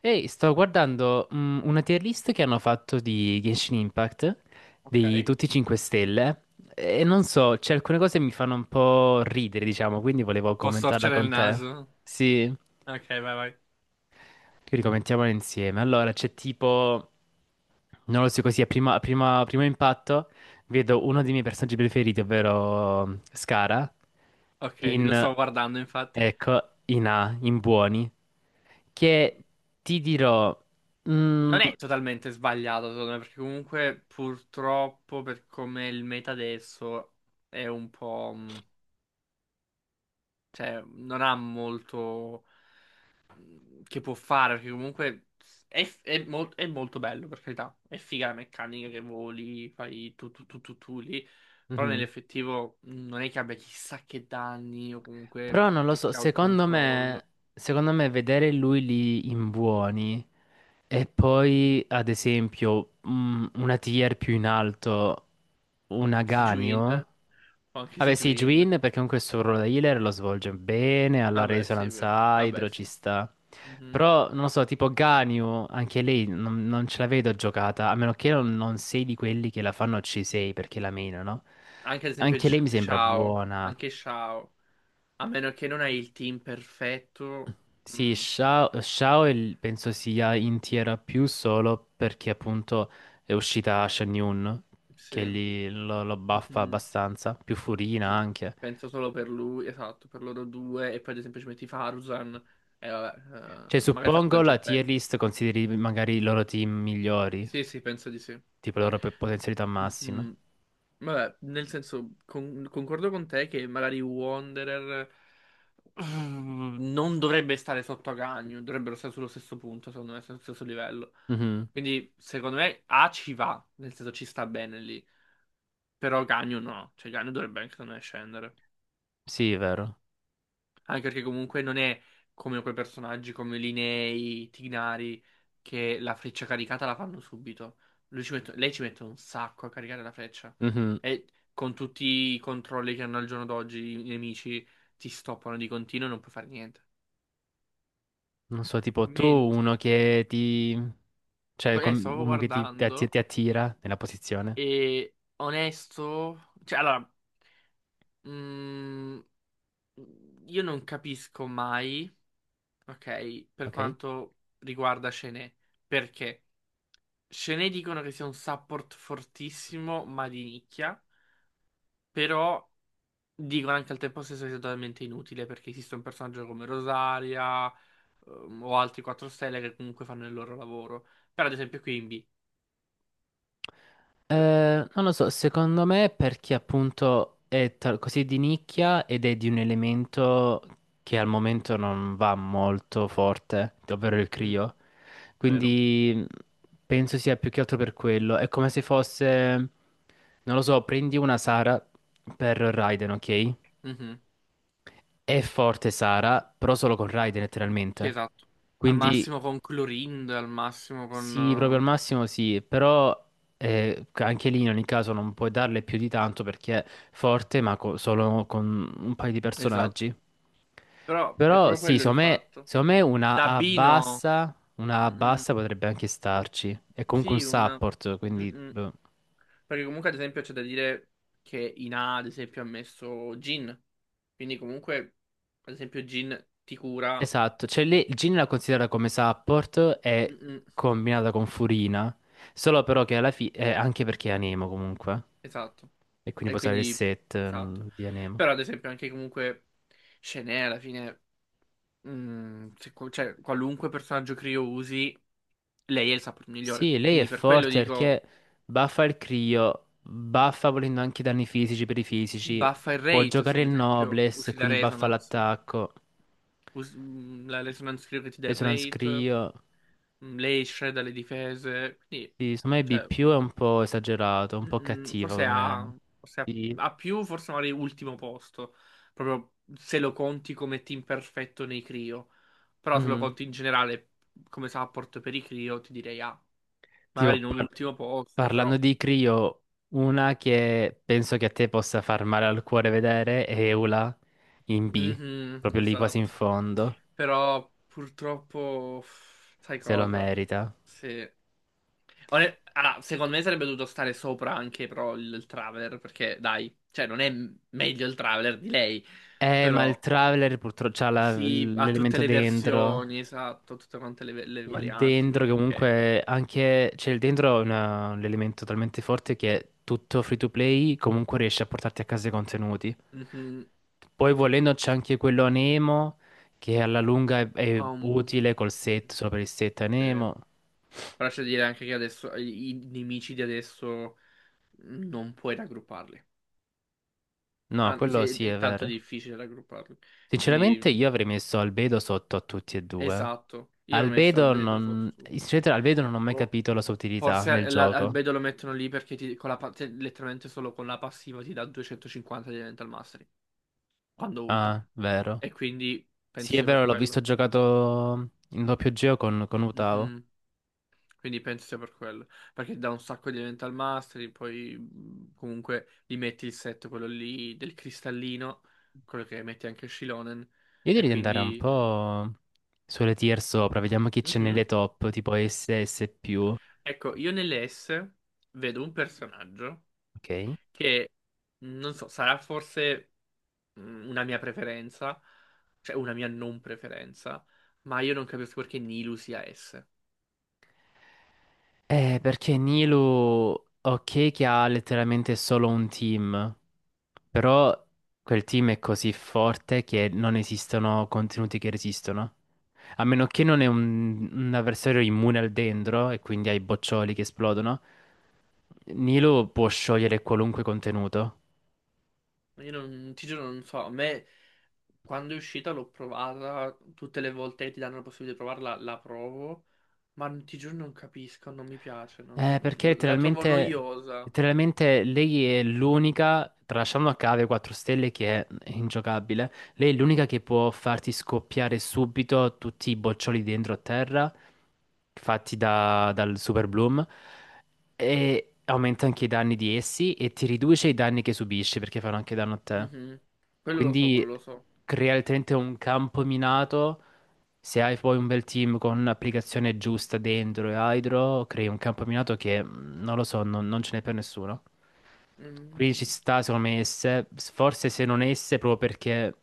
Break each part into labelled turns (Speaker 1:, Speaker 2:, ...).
Speaker 1: Ehi, sto guardando una tier list che hanno fatto di Genshin Impact, di
Speaker 2: Ok.
Speaker 1: tutti i 5 stelle, e non so, c'è alcune cose che mi fanno un po' ridere, diciamo, quindi volevo
Speaker 2: Può
Speaker 1: commentarla
Speaker 2: storcere il
Speaker 1: con te.
Speaker 2: naso.
Speaker 1: Sì,
Speaker 2: Ok, vai, vai.
Speaker 1: quindi commentiamola insieme. Allora, c'è tipo, non lo so così, a primo impatto vedo uno dei miei personaggi preferiti, ovvero Scara,
Speaker 2: Ok, lo
Speaker 1: in...
Speaker 2: stavo guardando, infatti.
Speaker 1: Ecco, in A, in buoni, che ti dirò, mm,
Speaker 2: Non è totalmente sbagliato, secondo me, perché comunque, purtroppo, per come è il meta adesso, è un po'. Cioè, non ha molto che può fare, perché comunque è, è molto bello, per carità. È figa la meccanica che voli, fai tu tu tu tu tu lì. Però
Speaker 1: Mhm.
Speaker 2: nell'effettivo non è che abbia chissà che danni o
Speaker 1: Però
Speaker 2: comunque
Speaker 1: non lo
Speaker 2: che
Speaker 1: so,
Speaker 2: crowd control.
Speaker 1: secondo me vedere lui lì in buoni e poi, ad esempio, una tier più in alto, un
Speaker 2: Sijuin,
Speaker 1: Aganio.
Speaker 2: o anche
Speaker 1: Vabbè, sì,
Speaker 2: Sijuin.
Speaker 1: Juin perché comunque il suo ruolo da healer lo svolge bene, alla
Speaker 2: Vabbè, sì, è
Speaker 1: Resonance
Speaker 2: vero. Vabbè,
Speaker 1: Hydro ci
Speaker 2: sì.
Speaker 1: sta.
Speaker 2: Mhm.
Speaker 1: Però, non lo so, tipo Ganyu, anche lei non ce la vedo giocata, a meno che non sei di quelli che la fanno C6 perché la menano.
Speaker 2: Anche ad esempio
Speaker 1: Anche lei mi sembra
Speaker 2: Shao,
Speaker 1: buona.
Speaker 2: anche Shao. A meno che non hai il team perfetto.
Speaker 1: Sì,
Speaker 2: mm,
Speaker 1: Shao, Shao è penso sia in Tiera più solo perché appunto è uscita Shen Yun, che
Speaker 2: Sì.
Speaker 1: lì lo buffa
Speaker 2: Mhm,
Speaker 1: abbastanza, più Furina
Speaker 2: sì.
Speaker 1: anche.
Speaker 2: Penso solo per lui, esatto, per loro due. E poi ad esempio ci metti Faruzan. E vabbè,
Speaker 1: Cioè,
Speaker 2: magari
Speaker 1: suppongo
Speaker 2: Faruzan ci
Speaker 1: la
Speaker 2: stai.
Speaker 1: tier list consideri magari i loro team migliori,
Speaker 2: Sì, sì, penso di sì.
Speaker 1: tipo le loro potenzialità massime.
Speaker 2: Mhm. Vabbè, nel senso, concordo con te che magari Wanderer. Non dovrebbe stare sotto a Agagno, dovrebbero stare sullo stesso punto, secondo me, sullo stesso livello.
Speaker 1: Mhm.
Speaker 2: Quindi, secondo me, A ci va, nel senso ci sta bene lì. Però Agagno no, cioè Agagno dovrebbe anche, secondo me, scendere.
Speaker 1: Sì, è vero.
Speaker 2: Anche perché comunque non è come quei personaggi come Linei, Tignari, che la freccia caricata la fanno subito. Lei ci mette un sacco a caricare la freccia.
Speaker 1: Mhm.
Speaker 2: E con tutti i controlli che hanno al giorno d'oggi i nemici ti stoppano di continuo e non puoi fare niente.
Speaker 1: Non so, tipo tu, uno
Speaker 2: Mentre.
Speaker 1: che cioè
Speaker 2: Stavo
Speaker 1: uno che
Speaker 2: guardando
Speaker 1: ti attira nella posizione,
Speaker 2: e onesto, cioè allora, mm, io non capisco mai, ok, per
Speaker 1: ok?
Speaker 2: quanto riguarda Chené, perché Chené dicono che sia un support fortissimo, ma di nicchia, però dicono anche al tempo stesso che sia totalmente inutile perché esiste un personaggio come Rosaria, o altri 4 stelle che comunque fanno il loro lavoro. Però ad esempio qui in B,
Speaker 1: Non lo so, secondo me è perché appunto è così di nicchia ed è di un elemento che al momento non va molto forte, ovvero il
Speaker 2: mm,
Speaker 1: Crio.
Speaker 2: vero.
Speaker 1: Quindi penso sia più che altro per quello. È come se fosse, non lo so, prendi una Sara per Raiden, ok?
Speaker 2: Mhm.
Speaker 1: È forte Sara, però solo con Raiden
Speaker 2: Sì,
Speaker 1: letteralmente.
Speaker 2: esatto. Al
Speaker 1: Quindi
Speaker 2: massimo con Clorind, al massimo
Speaker 1: sì, proprio al
Speaker 2: con.
Speaker 1: massimo sì, però anche lì in ogni caso non puoi darle più di tanto perché è forte, ma solo con un paio di
Speaker 2: Esatto.
Speaker 1: personaggi.
Speaker 2: Però è
Speaker 1: Però
Speaker 2: proprio
Speaker 1: sì,
Speaker 2: quello il fatto.
Speaker 1: secondo me
Speaker 2: Dabino.
Speaker 1: una A
Speaker 2: mm,
Speaker 1: bassa potrebbe anche starci. È comunque un
Speaker 2: Sì, una.
Speaker 1: support, quindi,
Speaker 2: mm,
Speaker 1: boh.
Speaker 2: Perché comunque, ad esempio, c'è da dire che Ina, ad esempio, ha messo Gin. Quindi comunque, ad esempio, Gin ti cura.
Speaker 1: Esatto, cioè lì Jin la considera come support e
Speaker 2: Mm,
Speaker 1: combinata con Furina, solo però che alla fine. Anche perché è Anemo comunque,
Speaker 2: esatto.
Speaker 1: e quindi
Speaker 2: E
Speaker 1: può usare il
Speaker 2: quindi.
Speaker 1: set
Speaker 2: Esatto.
Speaker 1: di Anemo.
Speaker 2: Però, ad esempio, anche comunque. Shenè, alla fine. Cioè, qualunque personaggio Creo usi. Lei è il support migliore.
Speaker 1: Sì, lei è
Speaker 2: Quindi per quello
Speaker 1: forte perché
Speaker 2: dico
Speaker 1: baffa il Crio, baffa volendo anche i danni fisici per i fisici,
Speaker 2: buffa il
Speaker 1: può
Speaker 2: rate, se
Speaker 1: giocare
Speaker 2: ad
Speaker 1: il
Speaker 2: esempio
Speaker 1: Noblesse,
Speaker 2: usi la
Speaker 1: quindi baffa
Speaker 2: resonance.
Speaker 1: l'attacco,
Speaker 2: La resonance credo che ti dà il
Speaker 1: Resonance
Speaker 2: rate,
Speaker 1: Crio.
Speaker 2: lei shredda le difese, quindi
Speaker 1: Sì, secondo me B
Speaker 2: cioè,
Speaker 1: più è un po' esagerato, un
Speaker 2: mm,
Speaker 1: po'
Speaker 2: mm,
Speaker 1: cattiva
Speaker 2: forse
Speaker 1: come.
Speaker 2: ha, forse ha,
Speaker 1: Sì.
Speaker 2: ha più, forse magari ultimo posto, proprio se lo conti come team perfetto nei Crio. Però se lo
Speaker 1: Mhm.
Speaker 2: conti in generale come support per i Crio ti direi A. Magari
Speaker 1: Tipo,
Speaker 2: non ultimo posto, però.
Speaker 1: parlando di Crio, una che penso che a te possa far male al cuore vedere è Eula in B,
Speaker 2: Mhm,
Speaker 1: proprio lì quasi in
Speaker 2: esatto.
Speaker 1: fondo,
Speaker 2: Però purtroppo, sai
Speaker 1: se lo
Speaker 2: cosa?
Speaker 1: merita.
Speaker 2: Se. Allora, secondo me sarebbe dovuto stare sopra anche però il Traveler, perché dai, cioè non è meglio il Traveler di lei,
Speaker 1: Ma il
Speaker 2: però
Speaker 1: Traveler purtroppo c'ha
Speaker 2: sì, ha tutte
Speaker 1: l'elemento
Speaker 2: le
Speaker 1: dentro.
Speaker 2: versioni, esatto, tutte quante le
Speaker 1: Il
Speaker 2: varianti,
Speaker 1: dentro
Speaker 2: quindi
Speaker 1: che
Speaker 2: ok.
Speaker 1: comunque anche. Cioè il dentro è un elemento talmente forte che tutto free to play comunque riesce a portarti a casa i contenuti.
Speaker 2: Mhm,
Speaker 1: Poi volendo c'è anche quello a Nemo che alla lunga è
Speaker 2: ha un-
Speaker 1: utile col set, solo per il set a
Speaker 2: sì.
Speaker 1: Nemo.
Speaker 2: Però c'è da dire anche che adesso i nemici di adesso non puoi raggrupparli.
Speaker 1: No,
Speaker 2: Ah,
Speaker 1: quello sì è
Speaker 2: è tanto
Speaker 1: vero.
Speaker 2: difficile raggrupparli.
Speaker 1: Sinceramente
Speaker 2: Quindi,
Speaker 1: io avrei messo Albedo sotto a tutti e due.
Speaker 2: esatto. Io ho messo
Speaker 1: Albedo
Speaker 2: Albedo sotto
Speaker 1: non.
Speaker 2: tutti.
Speaker 1: Sinceramente Albedo non ho mai
Speaker 2: O
Speaker 1: capito la sua utilità nel
Speaker 2: forse
Speaker 1: gioco.
Speaker 2: Albedo lo mettono lì perché con la letteralmente solo con la passiva ti dà 250 di Elemental Mastery quando ulta.
Speaker 1: Ah, vero.
Speaker 2: E quindi
Speaker 1: Sì,
Speaker 2: penso
Speaker 1: è
Speaker 2: sia per
Speaker 1: vero, l'ho visto
Speaker 2: quello.
Speaker 1: giocato in doppio geo con Utao.
Speaker 2: Mhm. Quindi penso sia per quello. Perché dà un sacco di Elemental Mastery, poi comunque gli metti il set, quello lì del cristallino, quello che metti anche Shilonen.
Speaker 1: Io
Speaker 2: E
Speaker 1: direi di andare un
Speaker 2: quindi.
Speaker 1: po' sulle tier sopra, vediamo chi c'è nelle
Speaker 2: Mhm.
Speaker 1: top, tipo SS più.
Speaker 2: Ecco, io nelle S vedo un personaggio
Speaker 1: Ok.
Speaker 2: che, non so, sarà forse una mia preferenza, cioè una mia non preferenza, ma io non capisco perché Nilu sia S.
Speaker 1: Perché Nilu, ok, che ha letteralmente solo un team, però quel team è così forte che non esistono contenuti che resistono. A meno che non è un avversario immune al dendro e quindi ai boccioli che esplodono, Nilo può sciogliere qualunque contenuto.
Speaker 2: Io non, ti giuro, non so, a me quando è uscita l'ho provata, tutte le volte che ti danno la possibilità di provarla, la provo, ma ti giuro non capisco, non mi piace,
Speaker 1: Perché
Speaker 2: la trovo
Speaker 1: letteralmente,
Speaker 2: noiosa.
Speaker 1: letteralmente lei è l'unica, tralasciando a cave 4 stelle che è ingiocabile, lei è l'unica che può farti scoppiare subito tutti i boccioli dentro a terra, fatti dal Super Bloom, e aumenta anche i danni di essi e ti riduce i danni che subisci perché fanno anche danno a te.
Speaker 2: Mhm. Quello lo so, quello
Speaker 1: Quindi
Speaker 2: lo so.
Speaker 1: crea letteralmente un campo minato. Se hai poi un bel team con un'applicazione giusta dentro e hydro, crei un campo minato che non lo so, non ce n'è per nessuno. Quindi ci
Speaker 2: Mm.
Speaker 1: sta, secondo me, esse, forse se non esse, proprio perché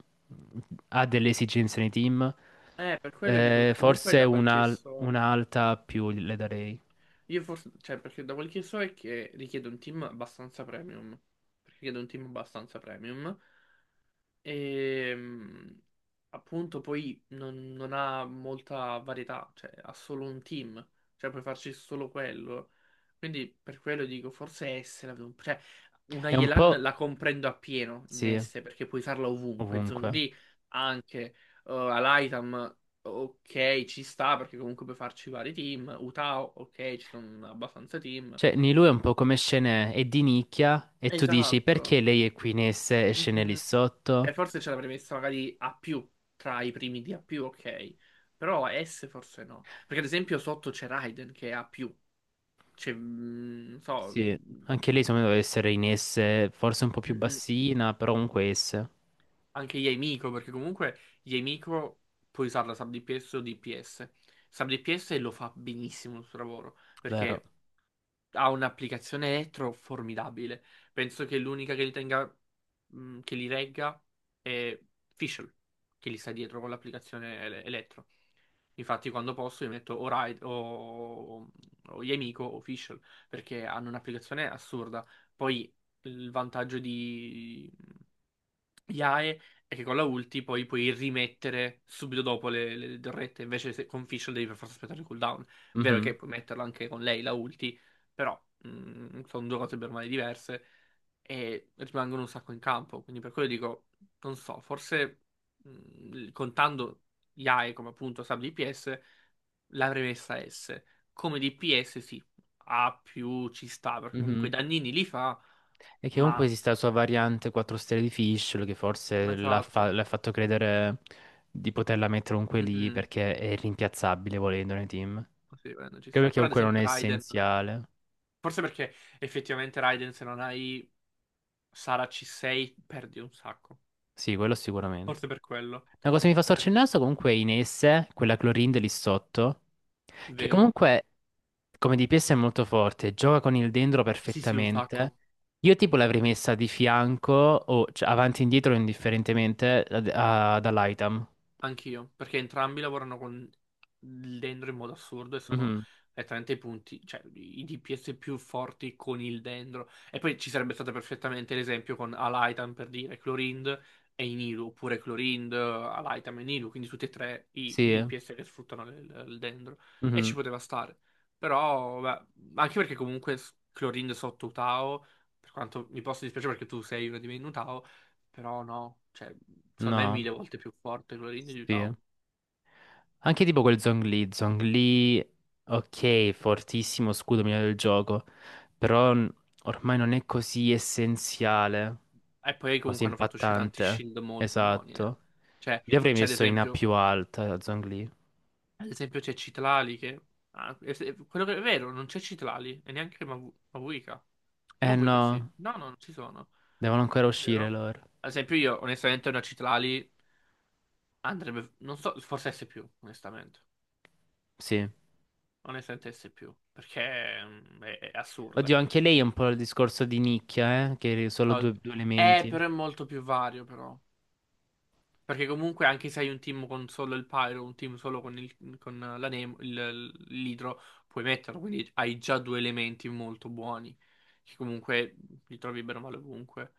Speaker 1: ha delle esigenze nei team,
Speaker 2: Per quello dico, perché comunque
Speaker 1: forse
Speaker 2: da quel che
Speaker 1: una,
Speaker 2: so.
Speaker 1: una alta più le darei.
Speaker 2: Io forse, cioè, perché da quel che so è che richiede un team abbastanza premium. Richiede un team abbastanza premium. E appunto poi non ha molta varietà, cioè ha solo un team, cioè puoi farci solo quello. Quindi per quello dico forse S cioè una
Speaker 1: È un
Speaker 2: Yelan
Speaker 1: po',
Speaker 2: la comprendo appieno in
Speaker 1: sì,
Speaker 2: S perché puoi usarla ovunque,
Speaker 1: ovunque.
Speaker 2: Zhongli anche, Alaitam ok ci sta perché comunque puoi farci vari team, Utao ok ci sono abbastanza team.
Speaker 1: Cioè, Nilou è un po' come scene, è di nicchia e tu dici
Speaker 2: Esatto.
Speaker 1: perché lei è qui in esse e scene lì
Speaker 2: Mhm. Cioè,
Speaker 1: sotto?
Speaker 2: forse ce l'avrei messa magari A più, tra i primi di A più, ok. Però S forse no. Perché ad esempio sotto c'è Raiden che è A più. C'è, non so,
Speaker 1: Sì, anche lei secondo me deve essere in esse, forse un po' più
Speaker 2: mm, mm,
Speaker 1: bassina, però comunque esse,
Speaker 2: anche Yamiko, perché comunque Yamiko puoi usarla sub DPS o DPS. Sub DPS lo fa benissimo il suo lavoro,
Speaker 1: vero?
Speaker 2: perché ha un'applicazione elettro formidabile. Penso che l'unica che li tenga, che li regga è Fischl, che li sta dietro con l'applicazione elettro. Infatti, quando posso, io metto o Yemiko o Fischl perché hanno un'applicazione assurda. Poi il vantaggio di IAE è che con la ulti poi puoi rimettere subito dopo le torrette. Invece se, con Fischl devi per forza aspettare il cooldown. Vero che
Speaker 1: Mhm,
Speaker 2: puoi metterla anche con lei la ulti, però sono due cose per male diverse e rimangono un sacco in campo. Quindi per quello dico, non so, forse contando IAE come appunto sub DPS, l'avrei messa S. Come DPS sì, A più ci sta, perché comunque
Speaker 1: mhm.
Speaker 2: i dannini li fa,
Speaker 1: E che comunque
Speaker 2: ma.
Speaker 1: esista la sua variante 4 stelle di Fischl che forse
Speaker 2: Esatto.
Speaker 1: l'ha fatto credere di poterla mettere comunque lì
Speaker 2: Mhm.
Speaker 1: perché è rimpiazzabile volendo nei team. Anche
Speaker 2: Sì, Raiden ci sta.
Speaker 1: perché
Speaker 2: Però ad
Speaker 1: comunque non
Speaker 2: esempio
Speaker 1: è
Speaker 2: Raiden,
Speaker 1: essenziale.
Speaker 2: forse perché effettivamente Raiden se non hai Sara C6 perdi un sacco.
Speaker 1: Sì, quello sicuramente.
Speaker 2: Forse per quello.
Speaker 1: Una cosa che mi fa storcere il
Speaker 2: Per-
Speaker 1: naso comunque è Inesse, quella Clorin lì sotto, che
Speaker 2: Vero.
Speaker 1: comunque come DPS è molto forte, gioca con il dendro
Speaker 2: Sì, sì, un
Speaker 1: perfettamente.
Speaker 2: sacco.
Speaker 1: Io tipo l'avrei messa di fianco o cioè, avanti e indietro indifferentemente dall'item.
Speaker 2: Anch'io, perché entrambi lavorano con il dendro in modo assurdo e sono
Speaker 1: Mhm,
Speaker 2: letteralmente i punti, cioè i DPS più forti con il dendro. E poi ci sarebbe stato perfettamente l'esempio con Alaitan per dire Clorind e Inilu, oppure Clorind, Alaitan e Inilu, quindi tutti e tre i
Speaker 1: sì.
Speaker 2: DPS che sfruttano il dendro. E
Speaker 1: Mhm,
Speaker 2: ci poteva stare. Però, beh, anche perché comunque Clorind sotto Utao, per quanto mi possa dispiacere perché tu sei uno di me in Utao, però no. Cioè secondo me è
Speaker 1: no.
Speaker 2: mille volte più forte quello lì di
Speaker 1: Sì.
Speaker 2: Utah.
Speaker 1: Anche tipo quel Zhongli, Zhongli, ok, fortissimo scudo migliore del gioco, però ormai non è così essenziale,
Speaker 2: E poi
Speaker 1: così
Speaker 2: comunque hanno fatto uscire tanti
Speaker 1: impattante.
Speaker 2: shield molto buoni. Eh.
Speaker 1: Esatto.
Speaker 2: Cioè,
Speaker 1: Li avrei
Speaker 2: c'è
Speaker 1: messo in A più alta, Zhongli.
Speaker 2: ad esempio c'è Citlali che. Ah, quello che è vero, non c'è Citlali e neanche Mavuika. O
Speaker 1: Eh
Speaker 2: Mavuika sì.
Speaker 1: no,
Speaker 2: No, no, non ci sono.
Speaker 1: devono ancora
Speaker 2: Vero?
Speaker 1: uscire loro.
Speaker 2: Ad esempio io, onestamente, una Citlali andrebbe. Non so, forse S più, onestamente.
Speaker 1: Sì.
Speaker 2: Onestamente S più, perché è assurda.
Speaker 1: Oddio, anche lei è un po' il discorso di nicchia, che è solo
Speaker 2: Oh,
Speaker 1: due, due elementi.
Speaker 2: però è molto più vario, però. Perché comunque anche se hai un team con solo il Pyro, un team solo con, con la Nemo, l'Hydro, puoi metterlo, quindi hai già due elementi molto buoni, che comunque li trovi bene o male ovunque.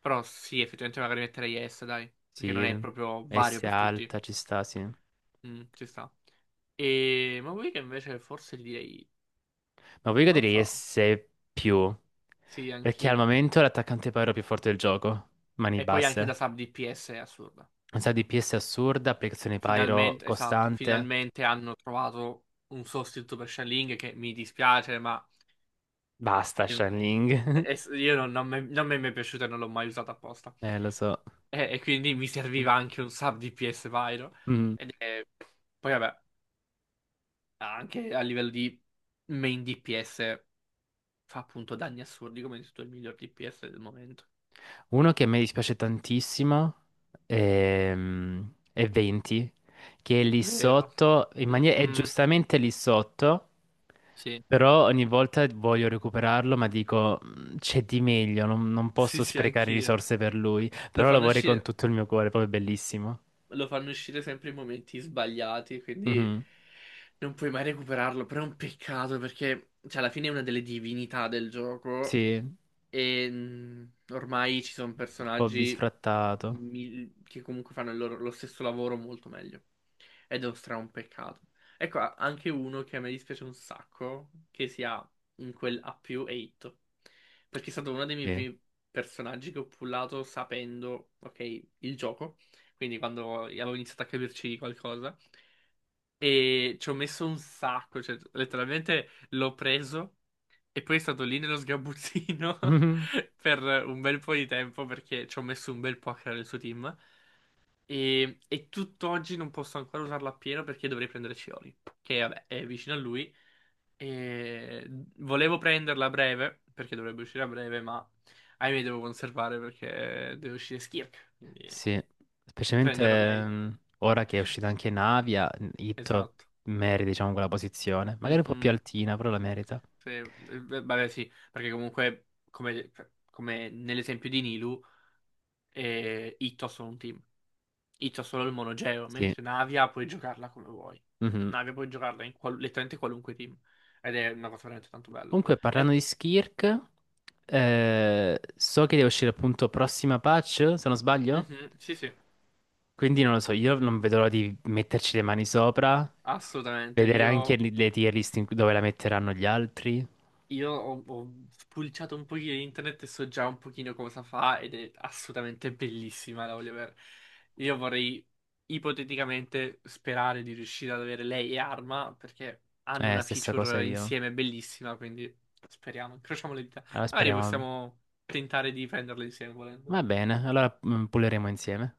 Speaker 2: Però sì, effettivamente magari metterei S, dai, perché non
Speaker 1: Sì,
Speaker 2: è proprio vario
Speaker 1: S
Speaker 2: per tutti.
Speaker 1: alta ci sta, sì. Ma
Speaker 2: Ci sta. E ma vuoi che invece forse gli direi,
Speaker 1: poi io
Speaker 2: non
Speaker 1: direi
Speaker 2: so,
Speaker 1: S più.
Speaker 2: sì,
Speaker 1: Perché al
Speaker 2: anch'io.
Speaker 1: momento è l'attaccante Pyro più forte del gioco. Mani
Speaker 2: E poi anche
Speaker 1: basse.
Speaker 2: da sub DPS è assurda.
Speaker 1: Un sacco di PS assurda, applicazione Pyro
Speaker 2: Finalmente, esatto,
Speaker 1: costante.
Speaker 2: finalmente hanno trovato un sostituto per Shelling che mi dispiace, ma
Speaker 1: Basta,
Speaker 2: io,
Speaker 1: Shanling.
Speaker 2: io non mi è mai piaciuto e non l'ho mai usato apposta.
Speaker 1: Lo so.
Speaker 2: E quindi mi serviva anche un sub DPS Pyro.
Speaker 1: Mm.
Speaker 2: Ed è- Poi vabbè, anche a livello di main DPS fa appunto danni assurdi come hai detto, tu, il miglior DPS del momento.
Speaker 1: Uno che a me dispiace tantissimo è, è 20, che è lì
Speaker 2: Vero.
Speaker 1: sotto, in maniera, è
Speaker 2: Mhm.
Speaker 1: giustamente lì sotto,
Speaker 2: Sì,
Speaker 1: però ogni volta voglio recuperarlo, ma dico "Mm, c'è di meglio, non
Speaker 2: sì,
Speaker 1: posso
Speaker 2: sì,
Speaker 1: sprecare
Speaker 2: anch'io.
Speaker 1: risorse per lui,
Speaker 2: Lo
Speaker 1: però lo
Speaker 2: fanno
Speaker 1: vorrei con
Speaker 2: uscire.
Speaker 1: tutto il mio cuore, proprio bellissimo.
Speaker 2: Lo fanno uscire sempre in momenti sbagliati, quindi
Speaker 1: Mhm.
Speaker 2: non puoi mai recuperarlo, però è un peccato perché cioè, alla fine è una delle divinità del gioco
Speaker 1: Sì, un
Speaker 2: e ormai ci sono
Speaker 1: po'
Speaker 2: personaggi
Speaker 1: bisfrattato.
Speaker 2: che comunque fanno lo stesso lavoro molto meglio. Ed è un stra un peccato. Ecco, anche uno che a me dispiace un sacco, che sia in quel A più 8. Perché è stato uno dei miei
Speaker 1: Sì.
Speaker 2: primi personaggi che ho pullato sapendo, ok, il gioco. Quindi quando avevo iniziato a capirci qualcosa. E ci ho messo un sacco, cioè letteralmente l'ho preso. E poi è stato lì nello sgabuzzino
Speaker 1: Mhm.
Speaker 2: per un bel po' di tempo perché ci ho messo un bel po' a creare il suo team. E tutt'oggi non posso ancora usarlo appieno perché dovrei prendere Scioli, che vabbè è vicino a lui. E volevo prenderla a breve perché dovrebbe uscire a breve, ma ahimè devo conservare perché deve uscire Skirk. Quindi
Speaker 1: Sì, specialmente
Speaker 2: prenderò lei.
Speaker 1: ora che è uscita anche Navia, Itto
Speaker 2: Esatto.
Speaker 1: merita, diciamo, quella posizione. Magari un po' più
Speaker 2: Mhm.
Speaker 1: altina, però la merita.
Speaker 2: Sì, beh, vabbè, sì, perché comunque, come nell'esempio di Nilu. E Ito sono un team. Ito ha solo il monogeo,
Speaker 1: Sì.
Speaker 2: mentre Navia puoi giocarla come vuoi.
Speaker 1: Mhm.
Speaker 2: Navia puoi giocarla in letteralmente qualunque team. Ed è una cosa veramente tanto bella.
Speaker 1: Comunque, parlando
Speaker 2: E-
Speaker 1: di Skirk, so che deve uscire appunto prossima patch, se non sbaglio.
Speaker 2: Mhm, sì, sì,
Speaker 1: Quindi non lo so, io non vedo l'ora di metterci le mani sopra,
Speaker 2: assolutamente.
Speaker 1: vedere anche
Speaker 2: Io
Speaker 1: le tier list dove la metteranno gli altri.
Speaker 2: Io ho spulciato un pochino in internet e so già un pochino cosa fa ed è assolutamente bellissima la voglio avere. Io vorrei ipoteticamente sperare di riuscire ad avere lei e Arma perché hanno una
Speaker 1: Stessa cosa
Speaker 2: feature
Speaker 1: io.
Speaker 2: insieme bellissima, quindi speriamo, incrociamo le dita.
Speaker 1: Allora
Speaker 2: Magari
Speaker 1: speriamo.
Speaker 2: possiamo tentare di prenderle insieme volendo.
Speaker 1: Va bene, allora pulleremo insieme.